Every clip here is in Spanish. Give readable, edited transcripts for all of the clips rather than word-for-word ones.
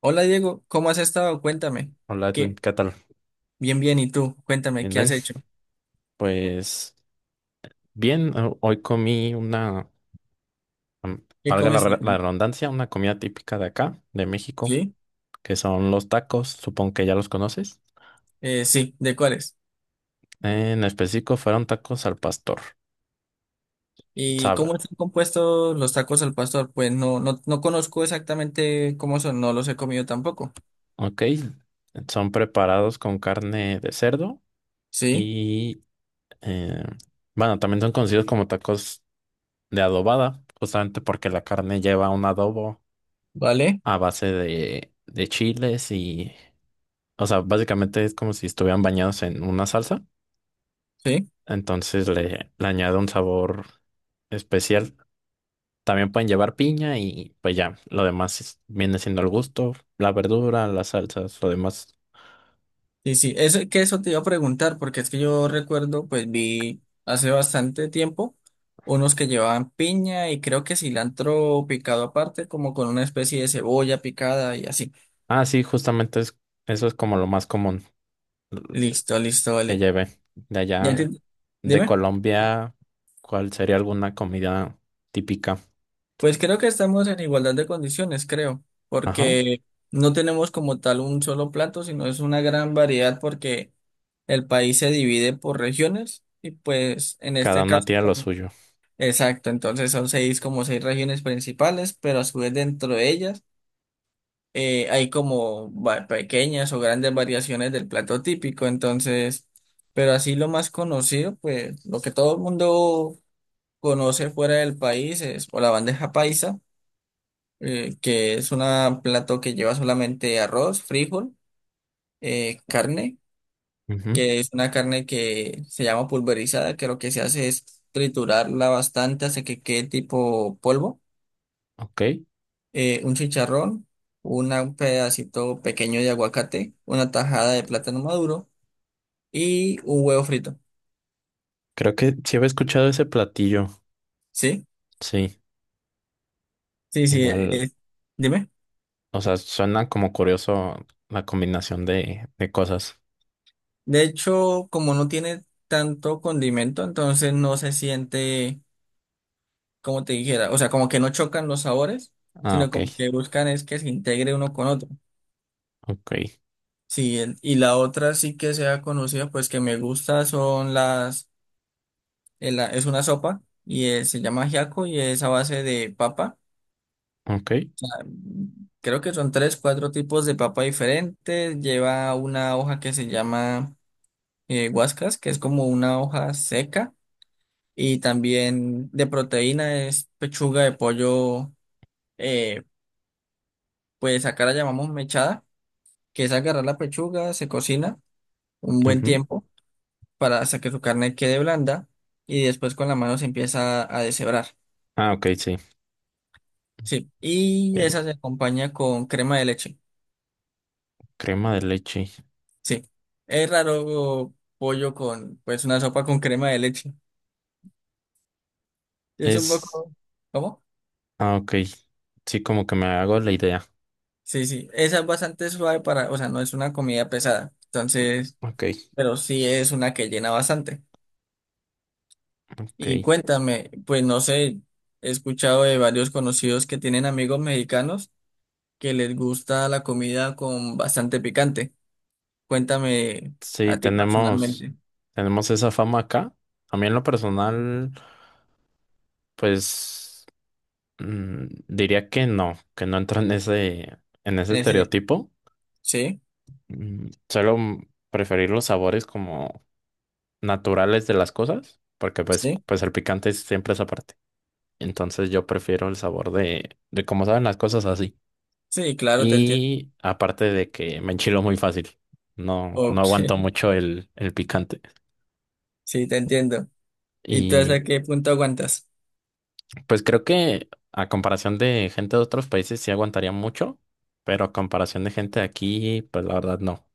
Hola Diego, ¿cómo has estado? Cuéntame. Hola Edwin, ¿Qué? ¿qué tal? Bien, bien, ¿y tú? Cuéntame, Bien, ¿qué bien. has hecho? Pues bien, hoy comí una, am- ¿Qué valga comiste? la redundancia, una comida típica de acá, de México, ¿Sí? que son los tacos, supongo que ya los conoces. Sí, ¿de cuáles? En específico fueron tacos al pastor, ¿Y sabe, cómo están compuestos los tacos al pastor? Pues no, no, no conozco exactamente cómo son, no los he comido tampoco. ok. Son preparados con carne de cerdo ¿Sí? y, eh, bueno, también son conocidos como tacos de adobada, justamente porque la carne lleva un adobo ¿Vale? a base de chiles. O sea, básicamente es como si estuvieran bañados en una salsa. ¿Sí? Entonces le añado un sabor especial. También pueden llevar piña y pues ya, lo demás viene siendo el gusto, la verdura, las salsas, lo demás. Sí, sí, eso, que eso te iba a preguntar, porque es que yo recuerdo, pues vi hace bastante tiempo unos que llevaban piña y creo que cilantro picado aparte, como con una especie de cebolla picada y así. Ah, sí, justamente es, eso es como lo más común Listo, listo, que vale. lleve. De Ya allá, entiendo. de Dime. Colombia, ¿cuál sería alguna comida típica? Pues creo que estamos en igualdad de condiciones, creo, Ajá, porque no tenemos como tal un solo plato, sino es una gran variedad porque el país se divide por regiones y pues en cada este una caso, tiene lo suyo. exacto, entonces son seis como seis regiones principales, pero a su vez dentro de ellas hay como pequeñas o grandes variaciones del plato típico, entonces, pero así lo más conocido, pues lo que todo el mundo conoce fuera del país es o la bandeja paisa, que es un plato que lleva solamente arroz, frijol, carne, Ujú, que es una carne que se llama pulverizada, que lo que se hace es triturarla bastante hasta que quede tipo polvo. ok, Eh, Un chicharrón, una- un pedacito pequeño de aguacate, una tajada de plátano maduro y un huevo frito. creo que sí había escuchado ese platillo. ¿Sí? Sí, Sí, sí, igual. Dime. O sea, suena como curioso la combinación de cosas. De hecho, como no tiene tanto condimento, entonces no se siente, como te dijera, o sea, como que no chocan los sabores, Ah, sino ok, como que buscan es que se integre uno con otro. ok, Sí, y la otra sí que sea conocida, pues que me gusta son las, es una sopa y se llama ajiaco y es a base de papa. ok, O Creo que son tres, cuatro tipos de papa diferentes. Lleva una hoja que se llama guascas, que es como una hoja seca. Y también de proteína es pechuga de pollo. eh, pues acá la llamamos mechada, que es agarrar la pechuga, se cocina un buen ujú. tiempo para, hasta que su carne quede blanda, y después con la mano se empieza a deshebrar. Ah, ok, sí, Sí, y esa entiendo. se acompaña con crema de leche. Crema de leche. Sí, es raro pollo con, pues, una sopa con crema de leche. Es un Es... poco, ¿cómo? Ah, ok. Sí, como que me hago la idea. Sí, sí, esa es bastante suave, para, o sea, no es una comida pesada, entonces, Ok, pero sí es una que llena bastante. ok. Y cuéntame, pues no sé, he escuchado de varios conocidos que tienen amigos mexicanos que les gusta la comida con bastante picante. Cuéntame Sí, a ti tenemos, personalmente. tenemos esa fama acá. A mí en lo personal, pues diría que no entro en ese En ese, estereotipo. sí, Suelo preferir los sabores como naturales de las cosas, porque sí, pues el picante es siempre esa parte. Entonces yo prefiero el sabor de cómo saben las cosas así. sí, claro, te entiendo. Y aparte de que me enchilo muy fácil, no, no Ok, aguanto mucho el picante. sí, te entiendo. ¿Y tú Y hasta qué punto aguantas? pues creo que a comparación de gente de otros países sí aguantaría mucho, pero a comparación de gente de aquí, pues la verdad no.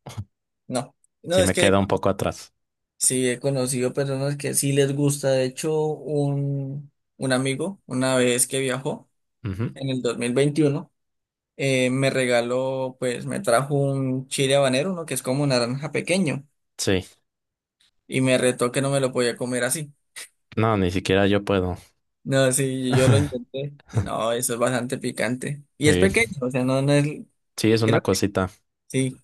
No, Sí no, es me que queda un poco atrás. sí, he conocido personas que sí les gusta. De hecho, un amigo, una vez que viajó Ujú. en el 2021, me regaló, pues me trajo un chile habanero, uno que es como un naranja pequeño, Sí, y me retó que no me lo podía comer así. no, ni siquiera yo puedo. No, sí, yo lo intenté y no, eso es bastante picante. Y es Sí, pequeño, o sea, no, no es, sí, es una creo que cosita. sí,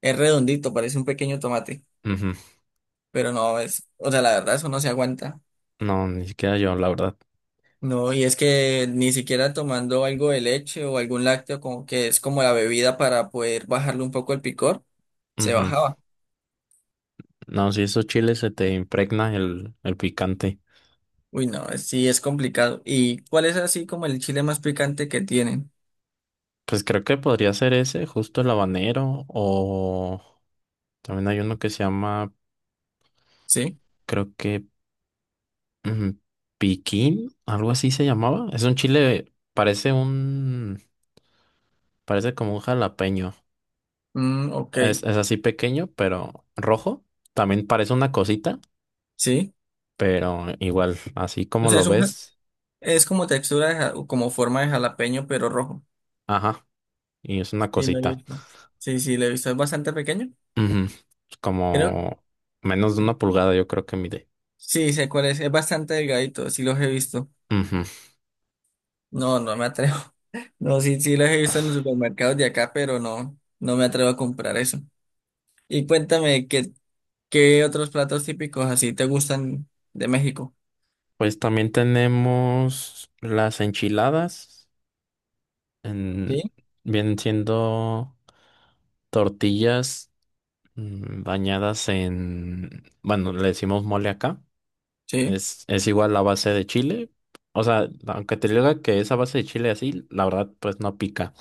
es redondito, parece un pequeño tomate, Ujú. pero no, es, o sea, la verdad eso no se aguanta. No, ni siquiera yo, la verdad. No, y es que ni siquiera tomando algo de leche o algún lácteo, como que es como la bebida para poder bajarle un poco el picor, se Ujú. bajaba. No, si esos chiles se te impregna el picante. Uy, no, sí, es complicado. ¿Y cuál es así como el chile más picante que tienen? Pues creo que podría ser ese, justo el habanero, o también hay uno que se llama, ¿Sí? creo que ujú, piquín, algo así se llamaba. Es un chile, parece un, parece como un jalapeño. Mm, ok, Es así pequeño, pero rojo. También parece una cosita, sí. pero igual, así O como sea, lo es un, ves, es como textura, como forma de jalapeño, pero rojo. ajá, y es una Sí, lo he cosita. visto. Sí, sí, lo he visto. Es bastante pequeño. Ujú. Creo. Como menos de una pulgada, yo creo que mide. Sí, sé cuál es. Es bastante delgadito. Sí, los he visto. Ujú. No, no me atrevo. No, sí, sí, los he visto en los supermercados de acá, pero no, no me atrevo a comprar eso. Y cuéntame, ¿qué, qué otros platos típicos así te gustan de México? Pues también tenemos las enchiladas. Sí, en- Vienen siendo tortillas bañadas en, bueno, le decimos mole acá. sí. Es igual la base de chile. O sea, aunque te diga que esa base de chile así, la verdad, pues no pica.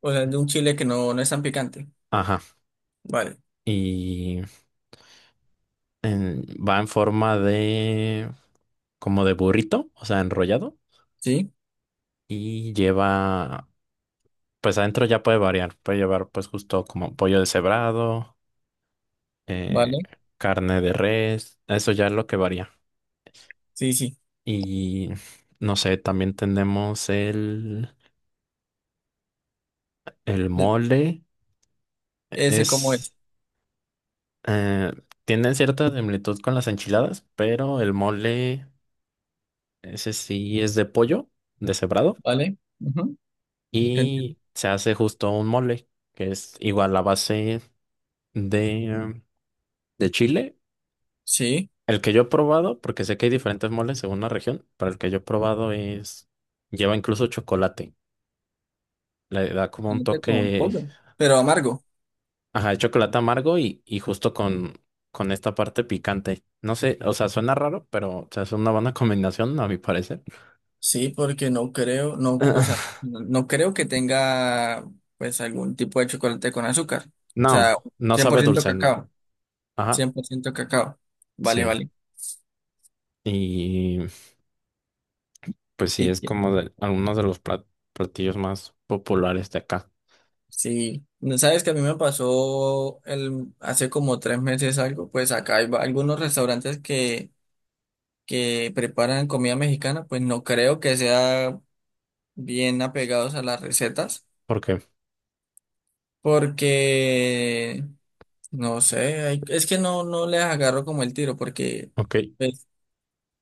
O sea, de un chile que no, no es tan picante. Ajá. Vale. Y va en forma de, como de burrito, o sea, enrollado. Sí, Y lleva, pues adentro ya puede variar, puede llevar pues justo como pollo deshebrado, vale. eh, carne de res, eso ya es lo que varía. Sí, sí. Y no sé, también tenemos el E- mole, Ese como es, es. eh, tiene cierta similitud con las enchiladas, pero el mole, ese sí es de pollo deshebrado Vale. Ujú. Te entiendo. y se hace justo un mole, que es igual la base de, de chile. Sí. El que yo he probado, porque sé que hay diferentes moles según la región, pero el que yo he probado es, lleva incluso chocolate. Le da como un Solamente con toque, pollo, pero amargo. ajá, de chocolate amargo y justo con esta parte picante. No sé, o sea, suena raro, pero o sea, es una buena combinación, a mi parecer. Sí, porque no creo, no, no, o sea, no, no creo que tenga pues algún tipo de chocolate con azúcar. O No, sea, no cien por sabe ciento dulce en nada. cacao, Ajá, 100% cacao. Vale, sí. vale. Y pues sí, Y es como de algunos de los platillos más populares de acá. sí, sabes que a mí me pasó el, hace como 3 meses algo, pues acá hay algunos restaurantes que preparan comida mexicana, pues no creo que sea bien apegados a las recetas, ¿Por qué? porque no sé, es que no, no les agarro como el tiro porque, Ok. pues,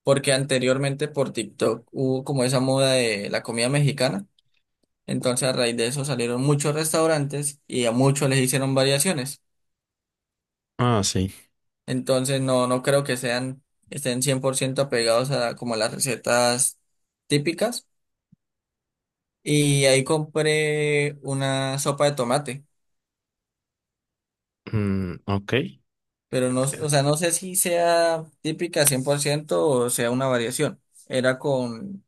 porque anteriormente por TikTok hubo como esa moda de la comida mexicana. Entonces a raíz de eso salieron muchos restaurantes y a muchos les hicieron variaciones. Ah, sí. Entonces no, no creo que sean, estén 100% apegados a como a las recetas típicas. Y ahí compré una sopa de tomate, Mm, ok. pero no, o sea, no sé si sea típica 100% o sea una variación. Era con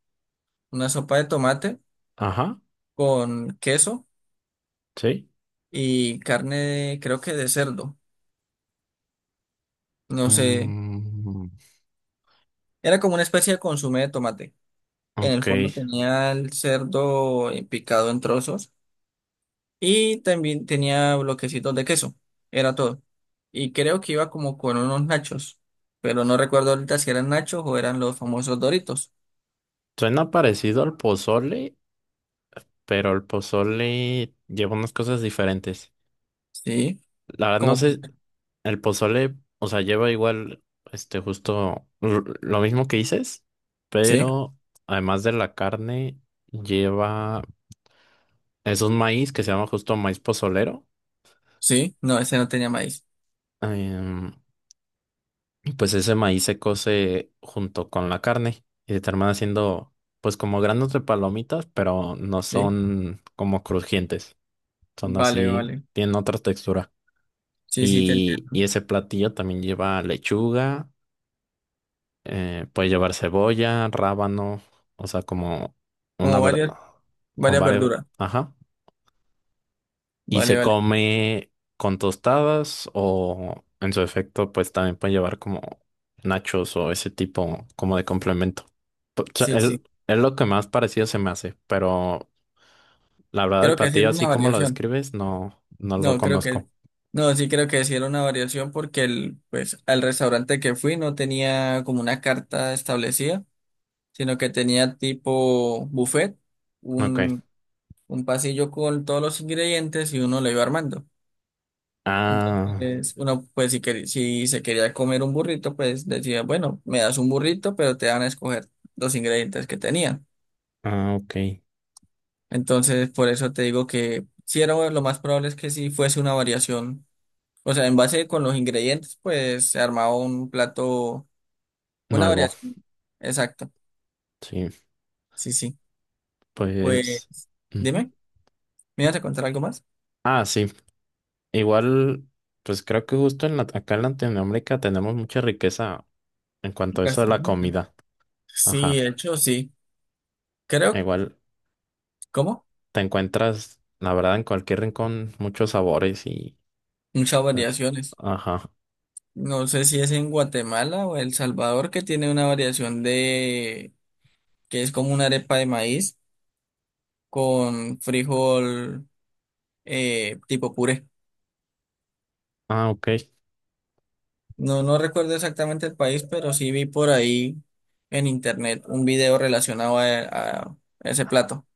una sopa de tomate Ajá, con queso sí. y carne, creo que de cerdo, no sé, Mm, era como una especie de consomé de tomate. En el ok, fondo tenía el cerdo picado en trozos y también tenía bloquecitos de queso, era todo. Y creo que iba como con unos nachos, pero no recuerdo ahorita si eran nachos o eran los famosos Doritos. suena parecido al pozole, pero el pozole lleva unas cosas diferentes. Sí, La verdad no como, sé, el pozole, o sea, lleva igual, este, justo lo mismo que dices, sí, pero además de la carne, lleva, es un maíz que se llama justo maíz pozolero. sí, no, ese no tenía maíz. em, Pues ese maíz se cose junto con la carne y se termina haciendo pues como granos de palomitas, pero no Sí, son como crujientes, son vale, así, vale. tienen otra textura. Sí, sí, tenía Y ese platillo también lleva lechuga, puede llevar cebolla, rábano, o sea, como una como verdad, varias, con varias varias, verduras. ajá. Y Vale, se vale. come con tostadas o en su efecto pues también pueden llevar como nachos o ese tipo como de complemento. O sea, Sí, sí. es lo que más parecido se me hace, pero la verdad el Creo que sí platillo era una así como lo variación. describes no, no lo No, creo que. conozco. No, sí creo que sí era una variación porque el, pues, al restaurante que fui no tenía como una carta establecida, sino que tenía tipo buffet, un, Ok. un pasillo con todos los ingredientes, y uno lo iba armando. Ah, Entonces, uno, pues, si se quería comer un burrito, pues decía, bueno, me das un burrito, pero te van a escoger los ingredientes que tenían. ah, ok. Entonces, por eso te digo que si era bueno, lo más probable es que si fuese una variación. O sea, en base con los ingredientes, pues se armaba un plato, una Nuevo. variación. Exacto. Sí, Sí, sí. Pues, pues. Ujú. dime, ¿me ibas a contar algo más? Ah, sí. Igual, pues creo que justo en acá en Latinoamérica tenemos mucha riqueza en cuanto a eso de la Gastronómica. comida. Sí, Ajá. de hecho, sí. Creo, Igual. ¿cómo? Te encuentras, la verdad, en cualquier rincón muchos sabores y... Muchas eh, variaciones. Ajá. No sé si es en Guatemala o El Salvador que tiene una variación de, que es como una arepa de maíz con frijol tipo puré. Ah, ok. No, no recuerdo exactamente el país, pero sí vi por ahí en internet un video relacionado a ese plato.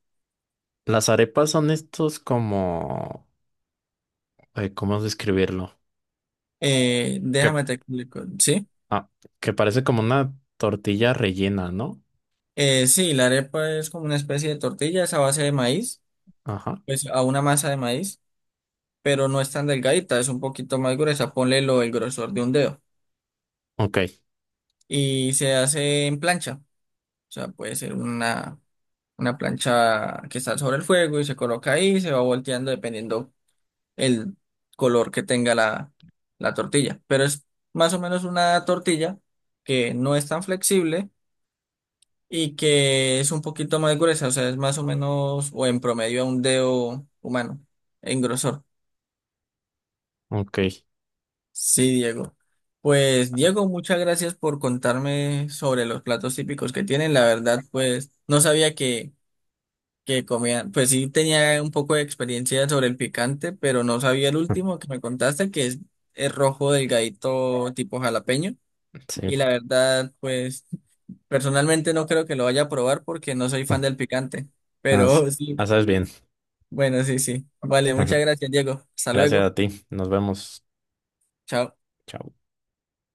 Las arepas son estos como... ¿cómo describirlo? Que, Déjame te explico, ¿sí? ah, que parece como una tortilla rellena, ¿no? Sí, la arepa es como una especie de tortilla, es a base de maíz, Ajá. pues a una masa de maíz, pero no es tan delgadita, es un poquito más gruesa, ponle lo, el grosor de un dedo. Ok, Y se hace en plancha, o sea, puede ser una plancha que está sobre el fuego y se coloca ahí, se va volteando dependiendo el color que tenga la tortilla. Pero es más o menos una tortilla que no es tan flexible y que es un poquito más gruesa, o sea, es más o menos o en promedio a un dedo humano en grosor. ok. Sí, Diego. Pues Diego, muchas gracias por contarme sobre los platos típicos que tienen. La verdad, pues no sabía que comían, pues sí tenía un poco de experiencia sobre el picante, pero no sabía el último que me contaste, que es el rojo delgadito tipo jalapeño. Y la Sí. verdad, pues personalmente no creo que lo vaya a probar porque no soy fan del picante, Ah, sí. pero Ah, sí, sabes bien. bueno, sí, sí. Vale, muchas gracias, Diego. Hasta Gracias luego. a ti. Nos vemos. Chao. Chao.